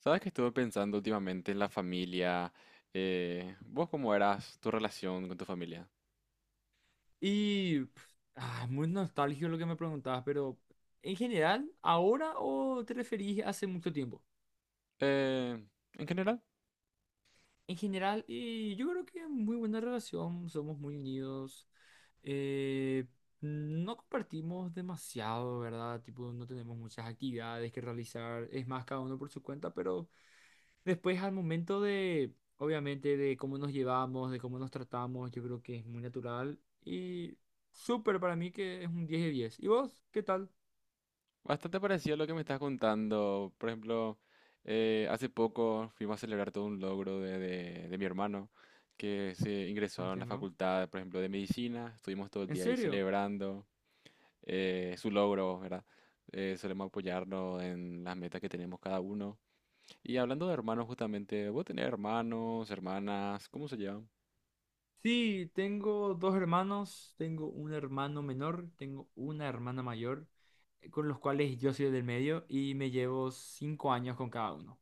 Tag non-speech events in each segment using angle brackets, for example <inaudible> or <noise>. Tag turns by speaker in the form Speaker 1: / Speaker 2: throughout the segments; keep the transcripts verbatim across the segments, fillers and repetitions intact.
Speaker 1: Sabes que estuve pensando últimamente en la familia. Eh, ¿vos cómo eras tu relación con tu familia?
Speaker 2: Y pf, ah, muy nostálgico lo que me preguntabas, pero en general, ¿ahora o te referís hace mucho tiempo?
Speaker 1: Eh, en general,
Speaker 2: En general, y yo creo que muy buena relación, somos muy unidos, eh, no compartimos demasiado, ¿verdad? Tipo, no tenemos muchas actividades que realizar, es más cada uno por su cuenta, pero después al momento de, obviamente, de cómo nos llevamos, de cómo nos tratamos, yo creo que es muy natural y súper para mí que es un diez de diez. ¿Y vos? ¿Qué tal?
Speaker 1: bastante parecido a lo que me estás contando. Por ejemplo, eh, hace poco fuimos a celebrar todo un logro de, de- de mi hermano que se ingresó a la
Speaker 2: Entiendo.
Speaker 1: facultad, por ejemplo, de medicina. Estuvimos todo el
Speaker 2: ¿En
Speaker 1: día ahí
Speaker 2: serio?
Speaker 1: celebrando eh, su logro, ¿verdad? Eh, solemos apoyarnos en las metas que tenemos cada uno. Y hablando de hermanos, justamente, ¿vos tenés hermanos, hermanas? ¿Cómo se llevan?
Speaker 2: Sí, tengo dos hermanos, tengo un hermano menor, tengo una hermana mayor, eh, con los cuales yo soy del medio y me llevo cinco años con cada uno.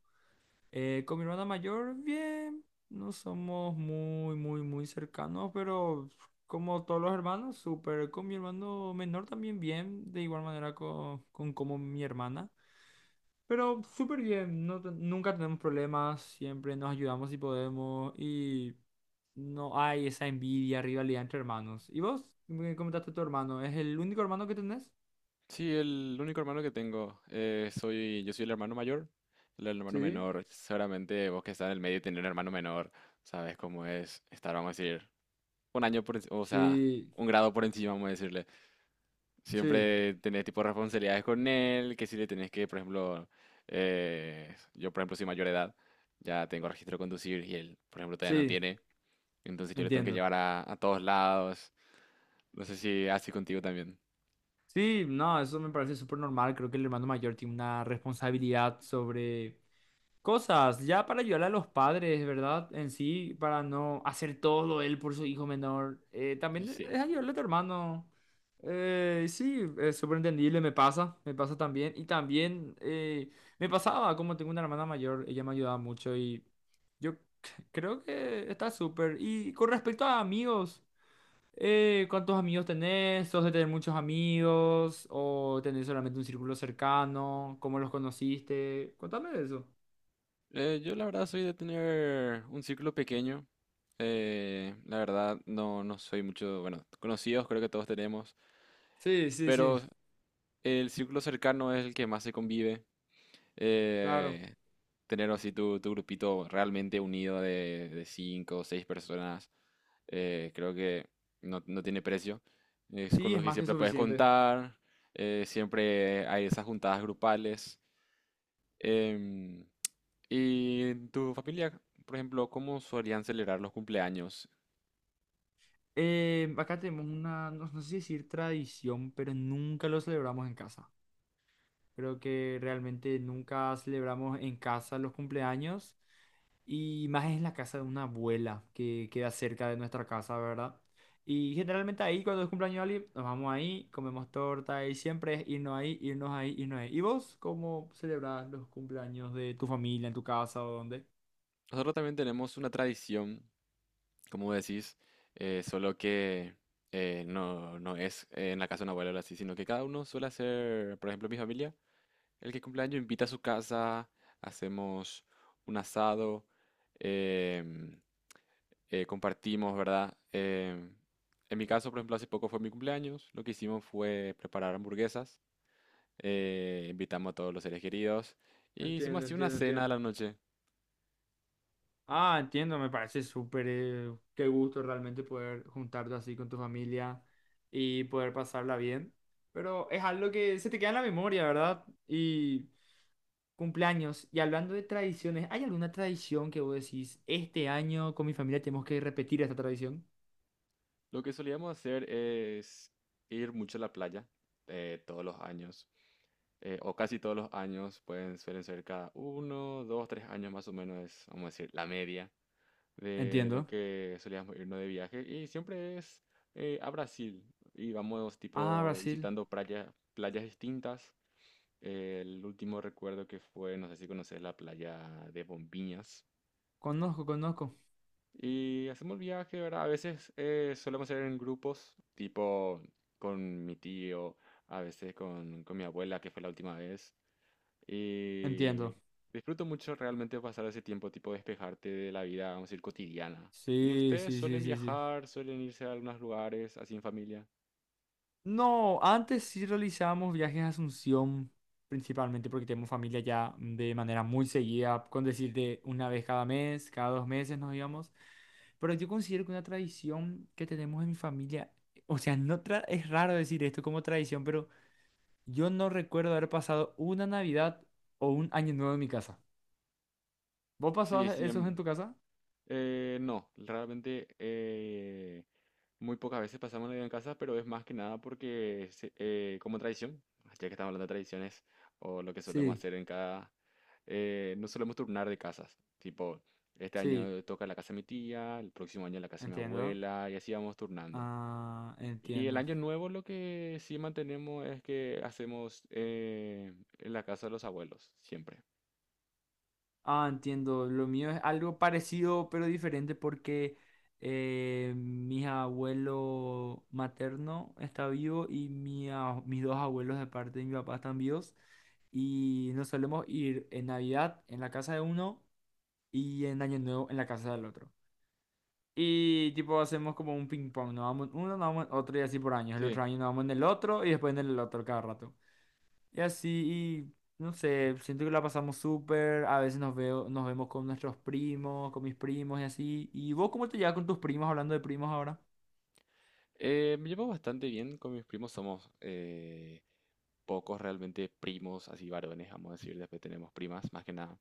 Speaker 2: Eh, con mi hermana mayor, bien, no somos muy, muy, muy cercanos, pero como todos los hermanos, súper. Con mi hermano menor también bien, de igual manera co- con, como mi hermana. Pero súper bien, no, te- nunca tenemos problemas, siempre nos ayudamos si podemos y no hay esa envidia, rivalidad entre hermanos. ¿Y vos? Me comentaste tu hermano, ¿es el único hermano que tenés?
Speaker 1: Sí, el único hermano que tengo. Eh, soy, yo soy el hermano mayor, el hermano
Speaker 2: Sí,
Speaker 1: menor. Seguramente vos que estás en el medio y tenés un hermano menor, sabes cómo es estar, vamos a decir, un año por encima, o sea,
Speaker 2: Sí,
Speaker 1: un grado por encima, vamos a decirle.
Speaker 2: sí,
Speaker 1: Siempre tenés tipo responsabilidades con él, que si le tenés que, por ejemplo, eh, yo por ejemplo soy mayor de edad, ya tengo registro de conducir y él, por ejemplo, todavía no
Speaker 2: sí,
Speaker 1: tiene. Entonces yo le tengo que
Speaker 2: entiendo.
Speaker 1: llevar a, a todos lados. No sé si así contigo también.
Speaker 2: Sí, no, eso me parece súper normal. Creo que el hermano mayor tiene una responsabilidad sobre cosas, ya para ayudar a los padres, ¿verdad? En sí, para no hacer todo él por su hijo menor. Eh, también
Speaker 1: Sí.
Speaker 2: es ayudarle a tu hermano. Eh, sí, es súper entendible, me pasa, me pasa también. Y también eh, me pasaba, como tengo una hermana mayor, ella me ayudaba mucho y yo c- creo que está súper. Y con respecto a amigos, eh, ¿cuántos amigos tenés? ¿Sos de tener muchos amigos? ¿O tenés solamente un círculo cercano? ¿Cómo los conociste? Contame de eso.
Speaker 1: Eh, yo la verdad soy de tener un círculo pequeño. Eh, la verdad no, no soy mucho, bueno, conocidos creo que todos tenemos,
Speaker 2: Sí, sí, sí,
Speaker 1: pero el círculo cercano es el que más se convive.
Speaker 2: claro.
Speaker 1: Eh, Tener así tu, tu grupito realmente unido de, de cinco o seis personas, eh, creo que no, no tiene precio. Es con
Speaker 2: Sí, es
Speaker 1: los que
Speaker 2: más que
Speaker 1: siempre puedes
Speaker 2: suficiente.
Speaker 1: contar, eh, siempre hay esas juntadas grupales. em, ¿Y en tu familia, por ejemplo, cómo solían celebrar los cumpleaños?
Speaker 2: Eh, acá tenemos una, no, no sé si decir tradición, pero nunca lo celebramos en casa. Creo que realmente nunca celebramos en casa los cumpleaños y más en la casa de una abuela que queda cerca de nuestra casa, ¿verdad? Y generalmente ahí, cuando es cumpleaños de alguien, nos vamos ahí, comemos torta y siempre es irnos ahí, irnos ahí, irnos ahí. ¿Y vos cómo celebrás los cumpleaños de tu familia, en tu casa o dónde?
Speaker 1: Nosotros también tenemos una tradición, como decís, eh, solo que eh, no, no es eh, en la casa de una abuela o así, sino que cada uno suele hacer, por ejemplo, mi familia, el que cumpleaños invita a su casa, hacemos un asado, em, eh, compartimos, ¿verdad? Em, en mi caso, por ejemplo, hace poco fue mi cumpleaños, lo que hicimos fue preparar hamburguesas eh, invitamos a todos los seres queridos y hicimos
Speaker 2: Entiendo,
Speaker 1: así una
Speaker 2: entiendo,
Speaker 1: cena a
Speaker 2: entiendo.
Speaker 1: la noche.
Speaker 2: Ah, entiendo, me parece súper, eh, qué gusto realmente poder juntarte así con tu familia y poder pasarla bien. Pero es algo que se te queda en la memoria, ¿verdad? Y cumpleaños. Y hablando de tradiciones, ¿hay alguna tradición que vos decís, este año con mi familia tenemos que repetir esta tradición?
Speaker 1: Lo que solíamos hacer es ir mucho a la playa eh, todos los años, eh, o casi todos los años, pueden, suelen ser cada uno, dos, tres años más o menos, es, vamos a decir, la media de lo
Speaker 2: Entiendo.
Speaker 1: que solíamos irnos de viaje. Y siempre es eh, a Brasil y vamos
Speaker 2: Ah,
Speaker 1: tipo
Speaker 2: Brasil.
Speaker 1: visitando playas, playas distintas. El último recuerdo que fue, no sé si conoces la playa de Bombiñas.
Speaker 2: Conozco, conozco.
Speaker 1: Y hacemos el viaje, ¿verdad? A veces eh, solemos ir en grupos, tipo con mi tío, a veces con, con mi abuela, que fue la última vez. Y
Speaker 2: Entiendo.
Speaker 1: disfruto mucho realmente pasar ese tiempo, tipo despejarte de la vida, vamos a decir, cotidiana. ¿Y
Speaker 2: Sí,
Speaker 1: ustedes
Speaker 2: sí, sí,
Speaker 1: suelen
Speaker 2: sí, sí.
Speaker 1: viajar, suelen irse a algunos lugares así en familia?
Speaker 2: No, antes sí realizábamos viajes a Asunción, principalmente porque tenemos familia ya de manera muy seguida, con decirte una vez cada mes, cada dos meses nos íbamos. Pero yo considero que una tradición que tenemos en mi familia, o sea, no tra- es raro decir esto como tradición, pero yo no recuerdo haber pasado una Navidad o un Año Nuevo en mi casa. ¿Vos
Speaker 1: Sí,
Speaker 2: pasabas
Speaker 1: sí,
Speaker 2: esos en
Speaker 1: em,
Speaker 2: tu casa?
Speaker 1: eh, no, realmente eh, muy pocas veces pasamos Navidad en casa, pero es más que nada porque se- eh, como tradición, ya que estamos hablando de tradiciones o lo que solemos
Speaker 2: Sí,
Speaker 1: hacer en cada, eh, nos solemos turnar de casas. Tipo, este
Speaker 2: sí,
Speaker 1: año toca la casa de mi tía, el próximo año la casa de mi
Speaker 2: entiendo.
Speaker 1: abuela y así vamos turnando.
Speaker 2: Ah,
Speaker 1: Y el
Speaker 2: entiendo.
Speaker 1: año nuevo lo que sí mantenemos es que hacemos eh, en la casa de los abuelos, siempre.
Speaker 2: Ah, entiendo. Lo mío es algo parecido pero diferente porque eh, mi abuelo materno está vivo y mi a- mis dos abuelos de parte de mi papá están vivos. Y nos solemos ir en Navidad en la casa de uno y en Año Nuevo en la casa del otro. Y tipo hacemos como un ping pong, nos vamos en uno, nos vamos en otro y así por años. El
Speaker 1: Sí,
Speaker 2: otro año nos vamos en el otro y después en el otro cada rato. Y así, y no sé, siento que la pasamos súper, a veces nos veo, nos vemos con nuestros primos, con mis primos y así. ¿Y vos cómo te llevas con tus primos hablando de primos ahora?
Speaker 1: eh, me llevo bastante bien con mis primos, somos eh, pocos realmente primos, así varones, vamos a decir, después tenemos primas, más que nada.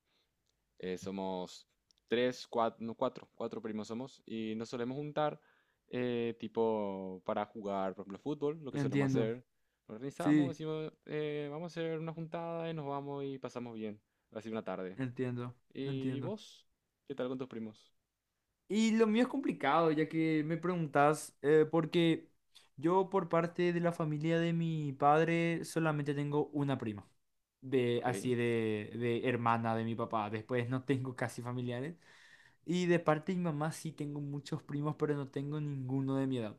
Speaker 1: Eh, somos tres, cuatro, no, cuatro, cuatro primos somos y nos solemos juntar eh, tipo para jugar, por ejemplo, fútbol, lo que solemos
Speaker 2: Entiendo,
Speaker 1: hacer. Nos organizamos,
Speaker 2: sí,
Speaker 1: decimos, eh, vamos a hacer una juntada y nos vamos y pasamos bien, así una tarde.
Speaker 2: entiendo,
Speaker 1: ¿Y
Speaker 2: entiendo.
Speaker 1: vos? ¿Qué tal con tus primos?
Speaker 2: Y lo mío es complicado, ya que me preguntas eh, porque yo por parte de la familia de mi padre solamente tengo una prima, de
Speaker 1: Ok,
Speaker 2: así de, de hermana de mi papá, después no tengo casi familiares. Y de parte de mi mamá sí tengo muchos primos, pero no tengo ninguno de mi edad.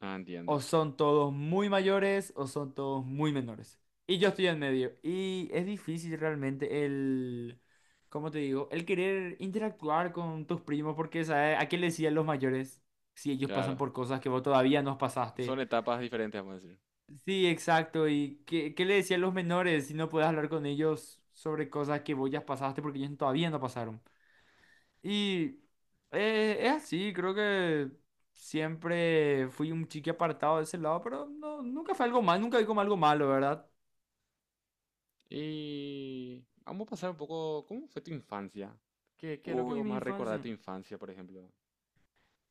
Speaker 1: ah,
Speaker 2: O
Speaker 1: entiendo,
Speaker 2: son todos muy mayores o son todos muy menores. Y yo estoy en medio. Y es difícil realmente el, ¿cómo te digo? El querer interactuar con tus primos porque, ¿sabes? ¿A qué le decían los mayores si ellos pasan
Speaker 1: claro.
Speaker 2: por cosas que vos todavía no
Speaker 1: Son
Speaker 2: pasaste?
Speaker 1: etapas diferentes, vamos a decir.
Speaker 2: Sí, exacto. ¿Y qué, qué le decían los menores si no puedes hablar con ellos sobre cosas que vos ya pasaste porque ellos todavía no pasaron? Y eh, es así, creo que siempre fui un chique apartado de ese lado, pero no, nunca fue algo mal, nunca vi como algo malo, ¿verdad?
Speaker 1: Y vamos a pasar un poco, ¿cómo fue tu infancia? ¿Qué, qué es lo que
Speaker 2: Uy,
Speaker 1: vos
Speaker 2: mi
Speaker 1: más recordás de
Speaker 2: infancia.
Speaker 1: tu infancia, por ejemplo?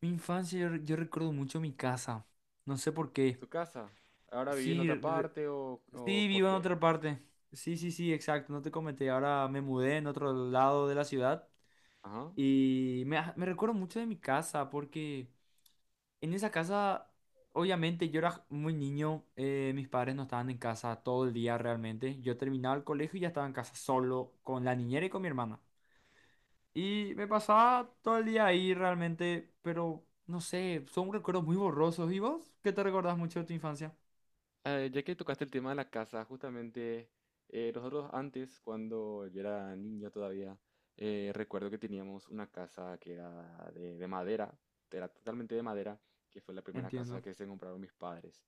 Speaker 2: Mi infancia, yo, re- yo recuerdo mucho mi casa. No sé por qué.
Speaker 1: ¿Tu casa? ¿Ahora vivís en
Speaker 2: Sí,
Speaker 1: otra
Speaker 2: re-
Speaker 1: parte o, o
Speaker 2: sí,
Speaker 1: por
Speaker 2: vivo en
Speaker 1: qué?
Speaker 2: otra parte. Sí, sí, sí, exacto, no te comenté. Ahora me mudé en otro lado de la ciudad
Speaker 1: Ajá.
Speaker 2: y me, me recuerdo mucho de mi casa porque... En esa casa, obviamente yo era muy niño, eh, mis padres no estaban en casa todo el día realmente. Yo terminaba el colegio y ya estaba en casa solo con la niñera y con mi hermana. Y me pasaba todo el día ahí realmente, pero no sé, son recuerdos muy borrosos. ¿Y vos? ¿Qué te recordás mucho de tu infancia?
Speaker 1: Eh, ya que tocaste el tema de la casa, justamente eh, nosotros antes, cuando yo era niño todavía, eh, recuerdo que teníamos una casa que era de, de madera, era totalmente de madera, que fue la primera casa
Speaker 2: Entiendo.
Speaker 1: que se compraron mis padres.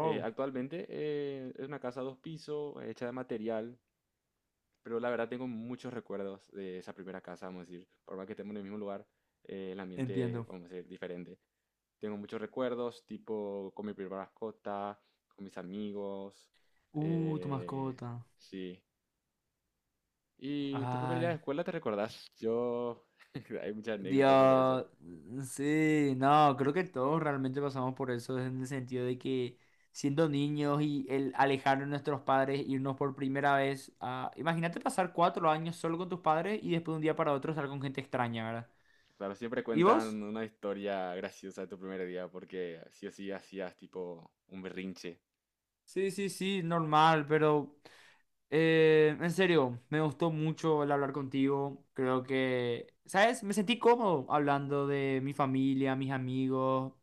Speaker 1: Eh, actualmente eh, es una casa dos pisos, hecha de material. Pero la verdad tengo muchos recuerdos de esa primera casa, vamos a decir, por más que estemos en el mismo lugar, eh, el ambiente,
Speaker 2: entiendo.
Speaker 1: vamos a decir, diferente. Tengo muchos recuerdos, tipo con mi primera mascota, con mis amigos,
Speaker 2: Uh, tu
Speaker 1: eh,
Speaker 2: mascota.
Speaker 1: sí. ¿Y tu primer día de
Speaker 2: Ay,
Speaker 1: escuela te recordás? Yo, <laughs> hay muchas anécdotas sobre eso.
Speaker 2: Dios, sí, no, creo que todos realmente pasamos por eso en el sentido de que siendo niños y el alejarnos de nuestros padres, irnos por primera vez a... Imagínate pasar cuatro años solo con tus padres y después de un día para otro estar con gente extraña, ¿verdad?
Speaker 1: Claro, siempre
Speaker 2: ¿Y vos?
Speaker 1: cuentan una historia graciosa de tu primer día, porque sí o sí hacías tipo un berrinche.
Speaker 2: Sí, sí, sí, normal, pero eh, en serio, me gustó mucho el hablar contigo. Creo que, ¿sabes? Me sentí cómodo hablando de mi familia, mis amigos.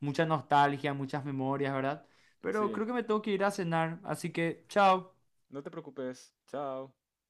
Speaker 2: Mucha nostalgia, muchas memorias, ¿verdad? Pero
Speaker 1: Sí,
Speaker 2: creo que me tengo que ir a cenar, así que chao.
Speaker 1: no te preocupes, chao.